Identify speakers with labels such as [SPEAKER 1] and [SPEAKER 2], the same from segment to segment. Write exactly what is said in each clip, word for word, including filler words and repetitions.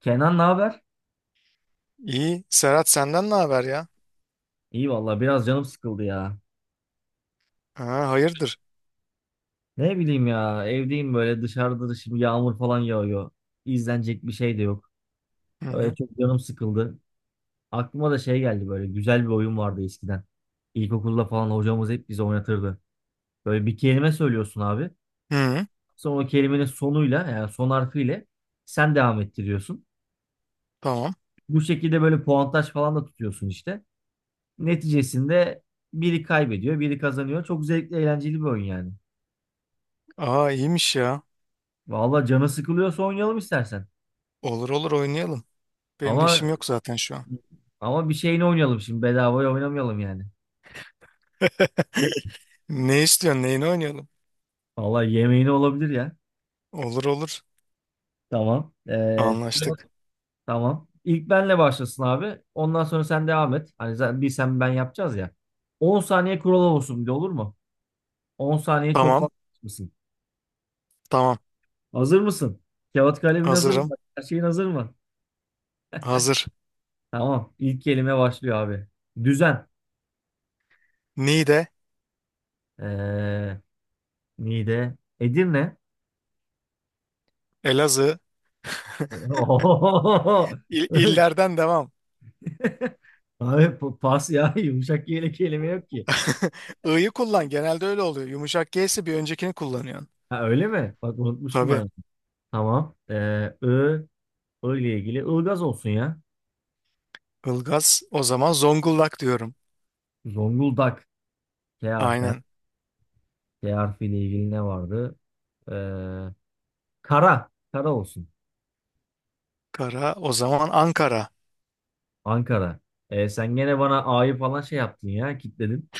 [SPEAKER 1] Kenan ne haber?
[SPEAKER 2] İyi. Serhat senden ne haber ya?
[SPEAKER 1] İyi vallahi biraz canım sıkıldı ya.
[SPEAKER 2] Ha, hayırdır?
[SPEAKER 1] Ne bileyim ya evdeyim böyle dışarıda da şimdi yağmur falan yağıyor. İzlenecek bir şey de yok.
[SPEAKER 2] Hı
[SPEAKER 1] Öyle
[SPEAKER 2] hı.
[SPEAKER 1] çok canım sıkıldı. Aklıma da şey geldi böyle güzel bir oyun vardı eskiden. İlkokulda falan hocamız hep bize oynatırdı. Böyle bir kelime söylüyorsun abi.
[SPEAKER 2] Hı hı.
[SPEAKER 1] Sonra o kelimenin sonuyla yani son harfiyle sen devam ettiriyorsun.
[SPEAKER 2] Tamam.
[SPEAKER 1] Bu şekilde böyle puantaj falan da tutuyorsun işte. Neticesinde biri kaybediyor, biri kazanıyor. Çok zevkli, eğlenceli bir oyun yani.
[SPEAKER 2] Aa, iyiymiş ya.
[SPEAKER 1] Valla canı sıkılıyorsa oynayalım istersen.
[SPEAKER 2] Olur olur, oynayalım. Benim de
[SPEAKER 1] Ama
[SPEAKER 2] işim yok zaten şu an.
[SPEAKER 1] ama bir şeyini oynayalım şimdi. Bedavaya oynamayalım yani.
[SPEAKER 2] Ne istiyorsun? Neyini oynayalım?
[SPEAKER 1] Valla yemeğini olabilir ya.
[SPEAKER 2] Olur olur.
[SPEAKER 1] Tamam. Ee,
[SPEAKER 2] Anlaştık.
[SPEAKER 1] tamam. İlk benle başlasın abi. Ondan sonra sen devam et. Hani zaten bir sen ben yapacağız ya. On saniye kural olsun bir de olur mu? On saniye çok
[SPEAKER 2] Tamam.
[SPEAKER 1] fazla mısın?
[SPEAKER 2] Tamam.
[SPEAKER 1] Hazır mısın? Kağıt kalemin hazır mı?
[SPEAKER 2] Hazırım.
[SPEAKER 1] Her şeyin hazır mı?
[SPEAKER 2] Hazır.
[SPEAKER 1] Tamam. İlk kelime başlıyor abi. Düzen.
[SPEAKER 2] Niğde,
[SPEAKER 1] Ee, Niğde. Edirne.
[SPEAKER 2] Elazığ.
[SPEAKER 1] Ohohoho.
[SPEAKER 2] İl illerden devam.
[SPEAKER 1] Abi pa- pas ya yumuşak yelek kelime yok ki.
[SPEAKER 2] I'yı kullan. Genelde öyle oluyor. Yumuşak G'si bir öncekini kullanıyorsun.
[SPEAKER 1] Ha öyle mi? Bak unutmuştum
[SPEAKER 2] Tabii.
[SPEAKER 1] ben. Tamam. Ee, Ö, Ö ile ilgili Ilgaz olsun ya.
[SPEAKER 2] Ilgaz o zaman Zonguldak diyorum.
[SPEAKER 1] Zonguldak. K harfi.
[SPEAKER 2] Aynen.
[SPEAKER 1] K harfi ile ilgili ne vardı? Ee, Kara. Kara olsun.
[SPEAKER 2] Kara o zaman Ankara.
[SPEAKER 1] Ankara. Ee, sen gene bana A'yı falan şey yaptın ya. Kitledin.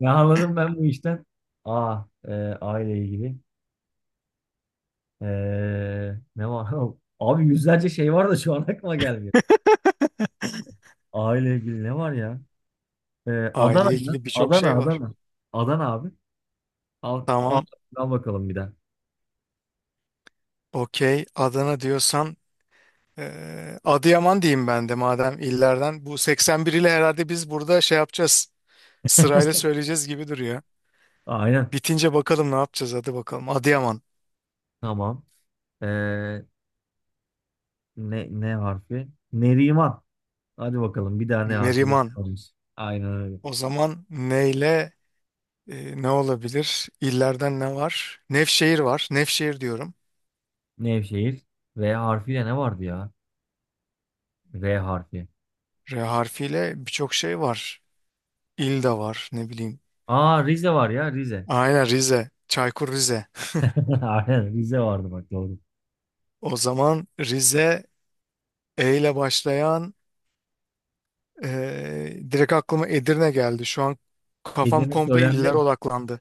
[SPEAKER 1] Ne anladım ben bu işten? A. E, A ile ilgili. Ee, Ne var? Abi yüzlerce şey var da şu an aklıma gelmiyor. A ile ilgili ne var ya? Ee, Adana
[SPEAKER 2] Aile
[SPEAKER 1] ya.
[SPEAKER 2] ilgili birçok
[SPEAKER 1] Adana,
[SPEAKER 2] şey var.
[SPEAKER 1] Adana. Adana abi. Al, al,
[SPEAKER 2] Tamam,
[SPEAKER 1] al bakalım bir daha.
[SPEAKER 2] okey. Adana diyorsan eee, Adıyaman diyeyim ben de madem illerden. Bu seksen bir ile herhalde biz burada şey yapacağız. Sırayla söyleyeceğiz gibi duruyor.
[SPEAKER 1] Aynen.
[SPEAKER 2] Bitince bakalım ne yapacağız, hadi bakalım. Adıyaman,
[SPEAKER 1] Tamam. Ee, ne, ne harfi? Neriman. Hadi bakalım bir daha ne harfiyle
[SPEAKER 2] Meriman.
[SPEAKER 1] soralımız. Aynen öyle.
[SPEAKER 2] O zaman neyle e, ne olabilir? İllerden ne var? Nevşehir var. Nevşehir diyorum.
[SPEAKER 1] Nevşehir. V harfiyle ne vardı ya? V harfi.
[SPEAKER 2] R harfiyle birçok şey var. İl de var, ne bileyim.
[SPEAKER 1] Aa, Rize var ya Rize.
[SPEAKER 2] Aynen Rize. Çaykur Rize.
[SPEAKER 1] Aynen Rize vardı bak doğru.
[SPEAKER 2] O zaman Rize, E ile başlayan, e, direkt aklıma Edirne geldi. Şu an kafam
[SPEAKER 1] Edirne
[SPEAKER 2] komple illere
[SPEAKER 1] söylendi.
[SPEAKER 2] odaklandı.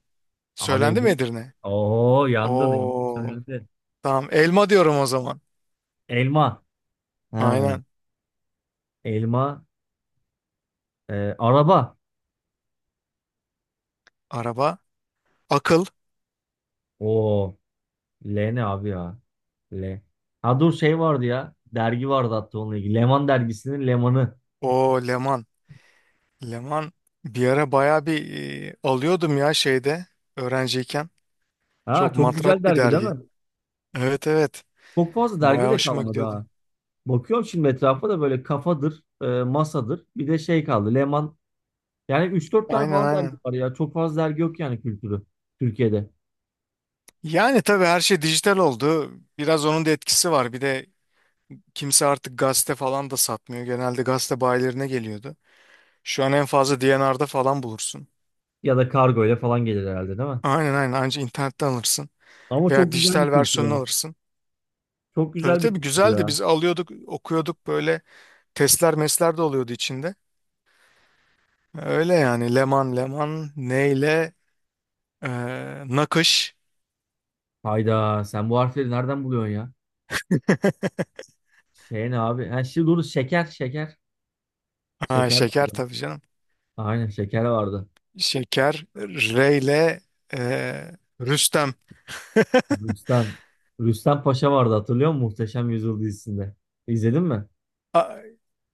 [SPEAKER 1] Abi
[SPEAKER 2] Söylendi mi
[SPEAKER 1] Edirne.
[SPEAKER 2] Edirne?
[SPEAKER 1] Oo yandın Edirne
[SPEAKER 2] Oo,
[SPEAKER 1] söylendi.
[SPEAKER 2] tamam. Elma diyorum o zaman.
[SPEAKER 1] Elma. Ha.
[SPEAKER 2] Aynen.
[SPEAKER 1] Elma. E, araba.
[SPEAKER 2] Araba. Akıl.
[SPEAKER 1] Oo. L ne abi ya? L. Ha dur şey vardı ya. Dergi vardı hatta onunla ilgili. Leman dergisinin Leman'ı.
[SPEAKER 2] O Leman. Leman bir ara baya bir, e, alıyordum ya şeyde, öğrenciyken.
[SPEAKER 1] Ha
[SPEAKER 2] Çok
[SPEAKER 1] çok güzel
[SPEAKER 2] matrak bir
[SPEAKER 1] dergi değil
[SPEAKER 2] dergi.
[SPEAKER 1] mi?
[SPEAKER 2] Evet, evet.
[SPEAKER 1] Çok fazla dergi
[SPEAKER 2] Baya
[SPEAKER 1] de
[SPEAKER 2] hoşuma
[SPEAKER 1] kalmadı
[SPEAKER 2] gidiyordu.
[SPEAKER 1] ha. Bakıyorum şimdi etrafa da böyle kafadır, e, masadır. Bir de şey kaldı. Leman. Yani üç dört tane
[SPEAKER 2] Aynen,
[SPEAKER 1] falan dergi
[SPEAKER 2] aynen.
[SPEAKER 1] var ya. Çok fazla dergi yok yani kültürü. Türkiye'de.
[SPEAKER 2] Yani tabii her şey dijital oldu. Biraz onun da etkisi var. Bir de kimse artık gazete falan da satmıyor. Genelde gazete bayilerine geliyordu. Şu an en fazla D and R'da falan bulursun.
[SPEAKER 1] Ya da kargo ile falan gelir herhalde değil mi?
[SPEAKER 2] Aynen aynen, anca internetten alırsın.
[SPEAKER 1] Ama
[SPEAKER 2] Veya
[SPEAKER 1] çok güzel bir
[SPEAKER 2] dijital
[SPEAKER 1] kültür
[SPEAKER 2] versiyonunu
[SPEAKER 1] ha.
[SPEAKER 2] alırsın.
[SPEAKER 1] Çok
[SPEAKER 2] Tabii
[SPEAKER 1] güzel bir
[SPEAKER 2] tabii,
[SPEAKER 1] kültür
[SPEAKER 2] güzeldi.
[SPEAKER 1] ya.
[SPEAKER 2] Biz alıyorduk, okuyorduk, böyle testler mesler de oluyordu içinde. Öyle yani. Leman Leman neyle eee nakış.
[SPEAKER 1] Hayda sen bu harfleri nereden buluyorsun ya? Şey ne abi? Ha, şimdi dur şeker şeker.
[SPEAKER 2] Ha,
[SPEAKER 1] Şeker.
[SPEAKER 2] şeker tabii canım.
[SPEAKER 1] Aynen şeker vardı.
[SPEAKER 2] Şeker Reyle eee Rüstem.
[SPEAKER 1] Rüstem. Rüstem Paşa vardı hatırlıyor musun? Muhteşem Yüzyıl dizisinde. İzledin mi?
[SPEAKER 2] A-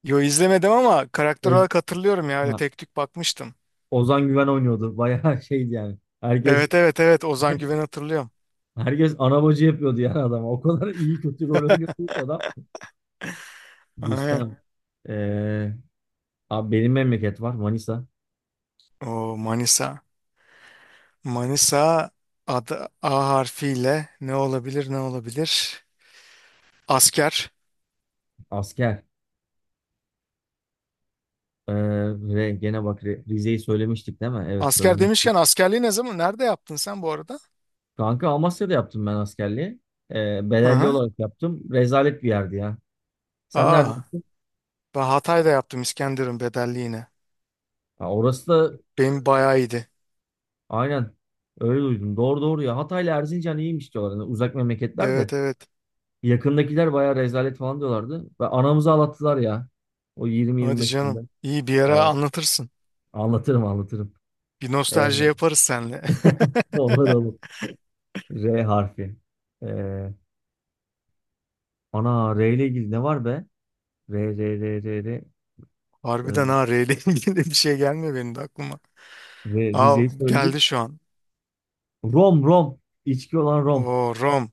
[SPEAKER 2] yo, izlemedim ama karakter
[SPEAKER 1] Oz
[SPEAKER 2] olarak hatırlıyorum ya. Öyle
[SPEAKER 1] ha,
[SPEAKER 2] tek tük bakmıştım.
[SPEAKER 1] Ozan Güven oynuyordu. Bayağı şeydi yani. Herkes
[SPEAKER 2] Evet evet evet, Ozan Güven'i hatırlıyorum.
[SPEAKER 1] herkes ana bacı yapıyordu yani adam. O kadar iyi kötü rol oynuyordu ki adam.
[SPEAKER 2] Aynen.
[SPEAKER 1] Rüstem. Ee, Abi benim memleket var. Manisa.
[SPEAKER 2] O Manisa. Manisa adı A harfiyle ne olabilir, ne olabilir? Asker.
[SPEAKER 1] Asker. Ee, Ve gene bak Re- Rize'yi söylemiştik değil mi? Evet
[SPEAKER 2] Asker
[SPEAKER 1] söylemiştik.
[SPEAKER 2] demişken, askerliği ne zaman nerede yaptın sen bu arada?
[SPEAKER 1] Kanka Amasya'da yaptım ben askerliği. Ee,
[SPEAKER 2] Hı
[SPEAKER 1] bedelli
[SPEAKER 2] hı.
[SPEAKER 1] olarak yaptım. Rezalet bir yerdi ya. Sen nerede
[SPEAKER 2] Aa,
[SPEAKER 1] yaptın?
[SPEAKER 2] ben Hatay'da yaptım, İskenderun bedelliğine.
[SPEAKER 1] Ha, orası da
[SPEAKER 2] Benim bayağı iyiydi.
[SPEAKER 1] aynen. Öyle duydum. Doğru doğru ya. Hatay'la Erzincan iyiymiş diyorlar. Hani uzak memleketler de.
[SPEAKER 2] Evet, evet.
[SPEAKER 1] Yakındakiler bayağı rezalet falan diyorlardı. Ve anamızı ağlattılar ya. O
[SPEAKER 2] Hadi
[SPEAKER 1] yirmi yirmi beş günde.
[SPEAKER 2] canım. İyi, bir ara
[SPEAKER 1] Vallahi.
[SPEAKER 2] anlatırsın.
[SPEAKER 1] Anlatırım anlatırım.
[SPEAKER 2] Bir nostalji
[SPEAKER 1] Ee,
[SPEAKER 2] yaparız seninle.
[SPEAKER 1] olur olur. R harfi. Ee, Ana R ile ilgili ne var be? R R R R R. Ee,
[SPEAKER 2] Harbiden ha, R ile ilgili bir şey gelmiyor benim de aklıma.
[SPEAKER 1] R
[SPEAKER 2] Aa,
[SPEAKER 1] Rize'yi söyledik.
[SPEAKER 2] geldi şu an.
[SPEAKER 1] Rom Rom. İçki olan Rom.
[SPEAKER 2] O Rom.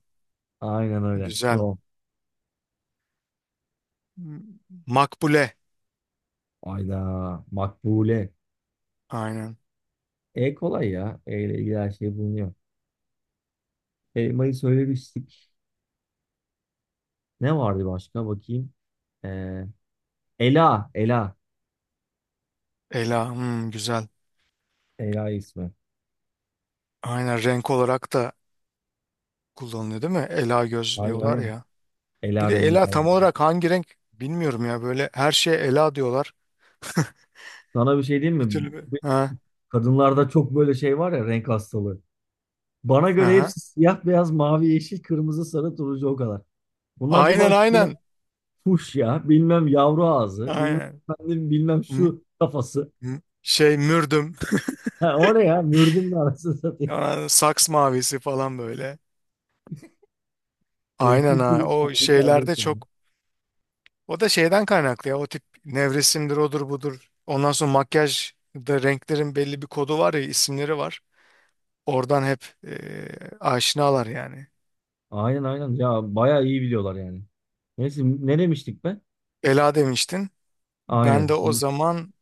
[SPEAKER 1] Aynen öyle.
[SPEAKER 2] Güzel.
[SPEAKER 1] Rom.
[SPEAKER 2] Hmm. Makbule.
[SPEAKER 1] Ayda. Makbule.
[SPEAKER 2] Aynen.
[SPEAKER 1] E kolay ya. E ile ilgili her şey bulunuyor. Elmayı söylemiştik. Ne vardı başka bakayım. Ee, Ela. Ela.
[SPEAKER 2] Ela. Hmm, güzel.
[SPEAKER 1] Ela ismi.
[SPEAKER 2] Aynen, renk olarak da kullanılıyor değil mi? Ela göz
[SPEAKER 1] Aynen
[SPEAKER 2] diyorlar
[SPEAKER 1] aynen.
[SPEAKER 2] ya. Bir
[SPEAKER 1] Ela
[SPEAKER 2] de
[SPEAKER 1] rengi
[SPEAKER 2] ela tam
[SPEAKER 1] falan.
[SPEAKER 2] olarak hangi renk bilmiyorum ya. Böyle her şeye ela diyorlar.
[SPEAKER 1] Sana bir şey diyeyim
[SPEAKER 2] Bir
[SPEAKER 1] mi?
[SPEAKER 2] türlü.
[SPEAKER 1] Bu
[SPEAKER 2] Ha,
[SPEAKER 1] kadınlarda çok böyle şey var ya renk hastalığı. Bana göre
[SPEAKER 2] aha.
[SPEAKER 1] hepsi siyah, beyaz, mavi, yeşil, kırmızı, sarı, turuncu o kadar. Bunlar bir
[SPEAKER 2] Aynen
[SPEAKER 1] başlıyor.
[SPEAKER 2] aynen.
[SPEAKER 1] Fuş ya. Bilmem yavru ağzı. Bilmem
[SPEAKER 2] Aynen.
[SPEAKER 1] efendim, bilmem
[SPEAKER 2] M-
[SPEAKER 1] şu kafası.
[SPEAKER 2] m- şey mürdüm.
[SPEAKER 1] Ha, o ne ya? Mürdümle arasını satayım.
[SPEAKER 2] Aa, Saks mavisi falan böyle.
[SPEAKER 1] Renk
[SPEAKER 2] Aynen ha.
[SPEAKER 1] kültürü
[SPEAKER 2] O
[SPEAKER 1] sergiklerde.
[SPEAKER 2] şeylerde çok. O da şeyden kaynaklı ya. O tip nevresimdir, odur budur. Ondan sonra makyaj da, renklerin belli bir kodu var ya, isimleri var. Oradan hep e, aşinalar yani.
[SPEAKER 1] Aynen aynen. Ya bayağı iyi biliyorlar yani. Neyse ne demiştik be?
[SPEAKER 2] Ela demiştin. Ben
[SPEAKER 1] Aynen.
[SPEAKER 2] de o
[SPEAKER 1] Şimdi
[SPEAKER 2] zaman,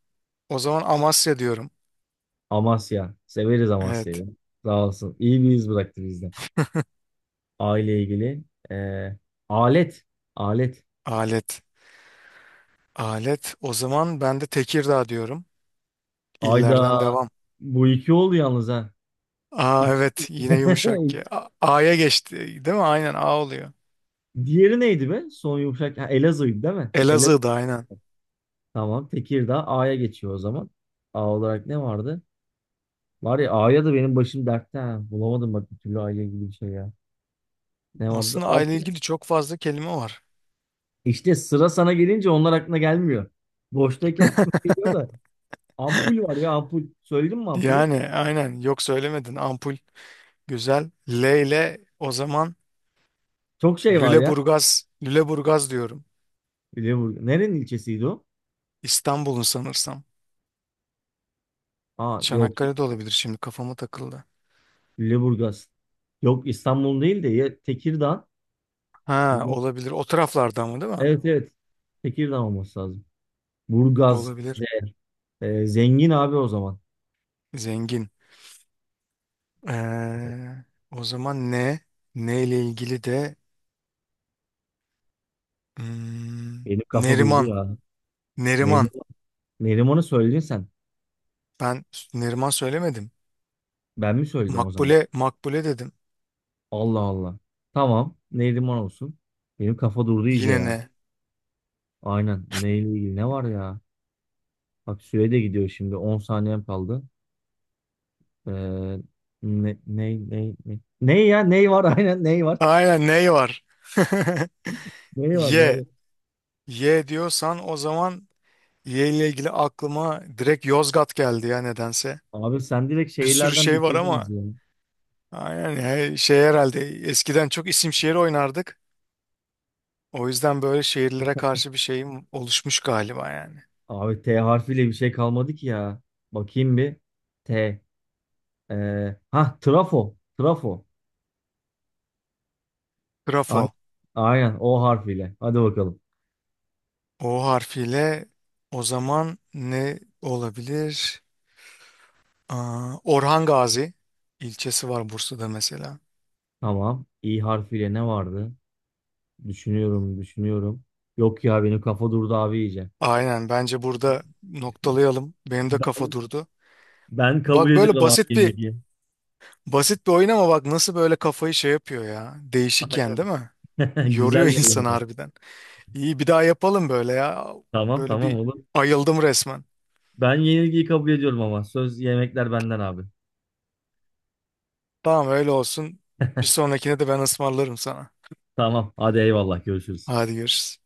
[SPEAKER 2] o zaman Amasya diyorum.
[SPEAKER 1] Amasya. Severiz
[SPEAKER 2] Evet.
[SPEAKER 1] Amasya'yı. Sağ olsun. İyi bir iz bıraktı bizde. Aile ilgili. Ee, Alet. Alet.
[SPEAKER 2] Alet. Alet. O zaman ben de Tekirdağ diyorum.
[SPEAKER 1] Ayda
[SPEAKER 2] İllerden devam.
[SPEAKER 1] bu iki oldu yalnız ha.
[SPEAKER 2] Aa
[SPEAKER 1] İk-
[SPEAKER 2] evet, yine yumuşak ki A- A'ya geçti değil mi? Aynen A oluyor.
[SPEAKER 1] Diğeri neydi be? Son yumuşak. Ha, Elazığ'ydı değil mi? Elazığ.
[SPEAKER 2] Elazığ'da aynen.
[SPEAKER 1] Tamam. Tekirdağ A'ya geçiyor o zaman. A olarak ne vardı? Var ya A'ya da benim başım dertte ha. Bulamadım bak bir türlü aile ilgili bir şey ya. Ne vardı?
[SPEAKER 2] Aslında A ile ilgili çok fazla kelime var.
[SPEAKER 1] İşte sıra sana gelince onlar aklına gelmiyor. Boştayken aklına geliyor da. Ampul var ya ampul. Söyledim mi ampulü?
[SPEAKER 2] Yani aynen, yok söylemedin. Ampul güzel. L ile o zaman
[SPEAKER 1] Çok şey var ya.
[SPEAKER 2] Lüleburgaz, Lüleburgaz diyorum.
[SPEAKER 1] Lüleburgaz. Nerenin ilçesiydi o?
[SPEAKER 2] İstanbul'un sanırsam.
[SPEAKER 1] Aa yok.
[SPEAKER 2] Çanakkale'de olabilir, şimdi kafama takıldı.
[SPEAKER 1] Lüleburgaz. Yok İstanbul değil de ya Tekirdağ.
[SPEAKER 2] Ha, olabilir. O taraflarda ama değil mi?
[SPEAKER 1] Evet evet. Tekirdağ olması lazım. Burgaz.
[SPEAKER 2] Olabilir.
[SPEAKER 1] Z- e, zengin abi o zaman.
[SPEAKER 2] Zengin. Evet. Ee, o zaman ne? Ne ile ilgili de, hmm,
[SPEAKER 1] Benim kafa durdu
[SPEAKER 2] Neriman.
[SPEAKER 1] ya. Neriman,
[SPEAKER 2] Neriman.
[SPEAKER 1] Neriman'ı söyledin sen.
[SPEAKER 2] Ben Neriman söylemedim.
[SPEAKER 1] Ben mi söyledim o zaman?
[SPEAKER 2] Makbule, Makbule dedim.
[SPEAKER 1] Allah Allah. Tamam. Neriman olsun. Benim kafa durdu iyice
[SPEAKER 2] Yine
[SPEAKER 1] ya.
[SPEAKER 2] ne?
[SPEAKER 1] Aynen. Neyle ilgili ne var ya? Bak süre de gidiyor şimdi. On saniyem kaldı. Ee, ne, ne, ne, ne? Ne ya? Ney var? Aynen ney var?
[SPEAKER 2] Aynen ne var?
[SPEAKER 1] Ney var
[SPEAKER 2] Y.
[SPEAKER 1] böyle?
[SPEAKER 2] Y diyorsan o zaman, Y ile ilgili aklıma direkt Yozgat geldi ya nedense.
[SPEAKER 1] Abi sen direkt
[SPEAKER 2] Bir sürü
[SPEAKER 1] şehirlerden
[SPEAKER 2] şey var
[SPEAKER 1] bitirdin
[SPEAKER 2] ama.
[SPEAKER 1] bizi ya.
[SPEAKER 2] Aynen, he- şey herhalde eskiden çok isim şehir oynardık. O yüzden böyle şehirlere karşı bir şeyim oluşmuş galiba yani.
[SPEAKER 1] Abi T harfiyle bir şey kalmadı ki ya. Bakayım bir. T. Ee, ha Trafo. Trafo. Ay-
[SPEAKER 2] Grafo.
[SPEAKER 1] Aynen o harfiyle. Hadi bakalım.
[SPEAKER 2] O harfiyle o zaman ne olabilir? Aa, Orhan Gazi ilçesi var Bursa'da mesela.
[SPEAKER 1] Tamam. İ harfiyle ne vardı? Düşünüyorum, düşünüyorum. Yok ya benim kafa durdu abi iyice.
[SPEAKER 2] Aynen, bence burada noktalayalım. Benim de kafa
[SPEAKER 1] Ben
[SPEAKER 2] durdu.
[SPEAKER 1] Ben kabul
[SPEAKER 2] Bak, böyle
[SPEAKER 1] ediyorum abi
[SPEAKER 2] basit bir,
[SPEAKER 1] yenilgiyi.
[SPEAKER 2] basit bir oyun ama bak nasıl böyle kafayı şey yapıyor ya. Değişik yani değil
[SPEAKER 1] Aynen.
[SPEAKER 2] mi? Yoruyor
[SPEAKER 1] Güzel bir oyun
[SPEAKER 2] insan
[SPEAKER 1] ama.
[SPEAKER 2] harbiden. İyi, bir daha yapalım böyle ya.
[SPEAKER 1] Tamam
[SPEAKER 2] Böyle
[SPEAKER 1] tamam
[SPEAKER 2] bir,
[SPEAKER 1] oğlum.
[SPEAKER 2] ayıldım resmen.
[SPEAKER 1] Ben yenilgiyi kabul ediyorum ama. Söz yemekler benden abi.
[SPEAKER 2] Tamam, öyle olsun. Bir sonrakine de ben ısmarlarım sana.
[SPEAKER 1] Tamam hadi eyvallah görüşürüz.
[SPEAKER 2] Hadi görüşürüz.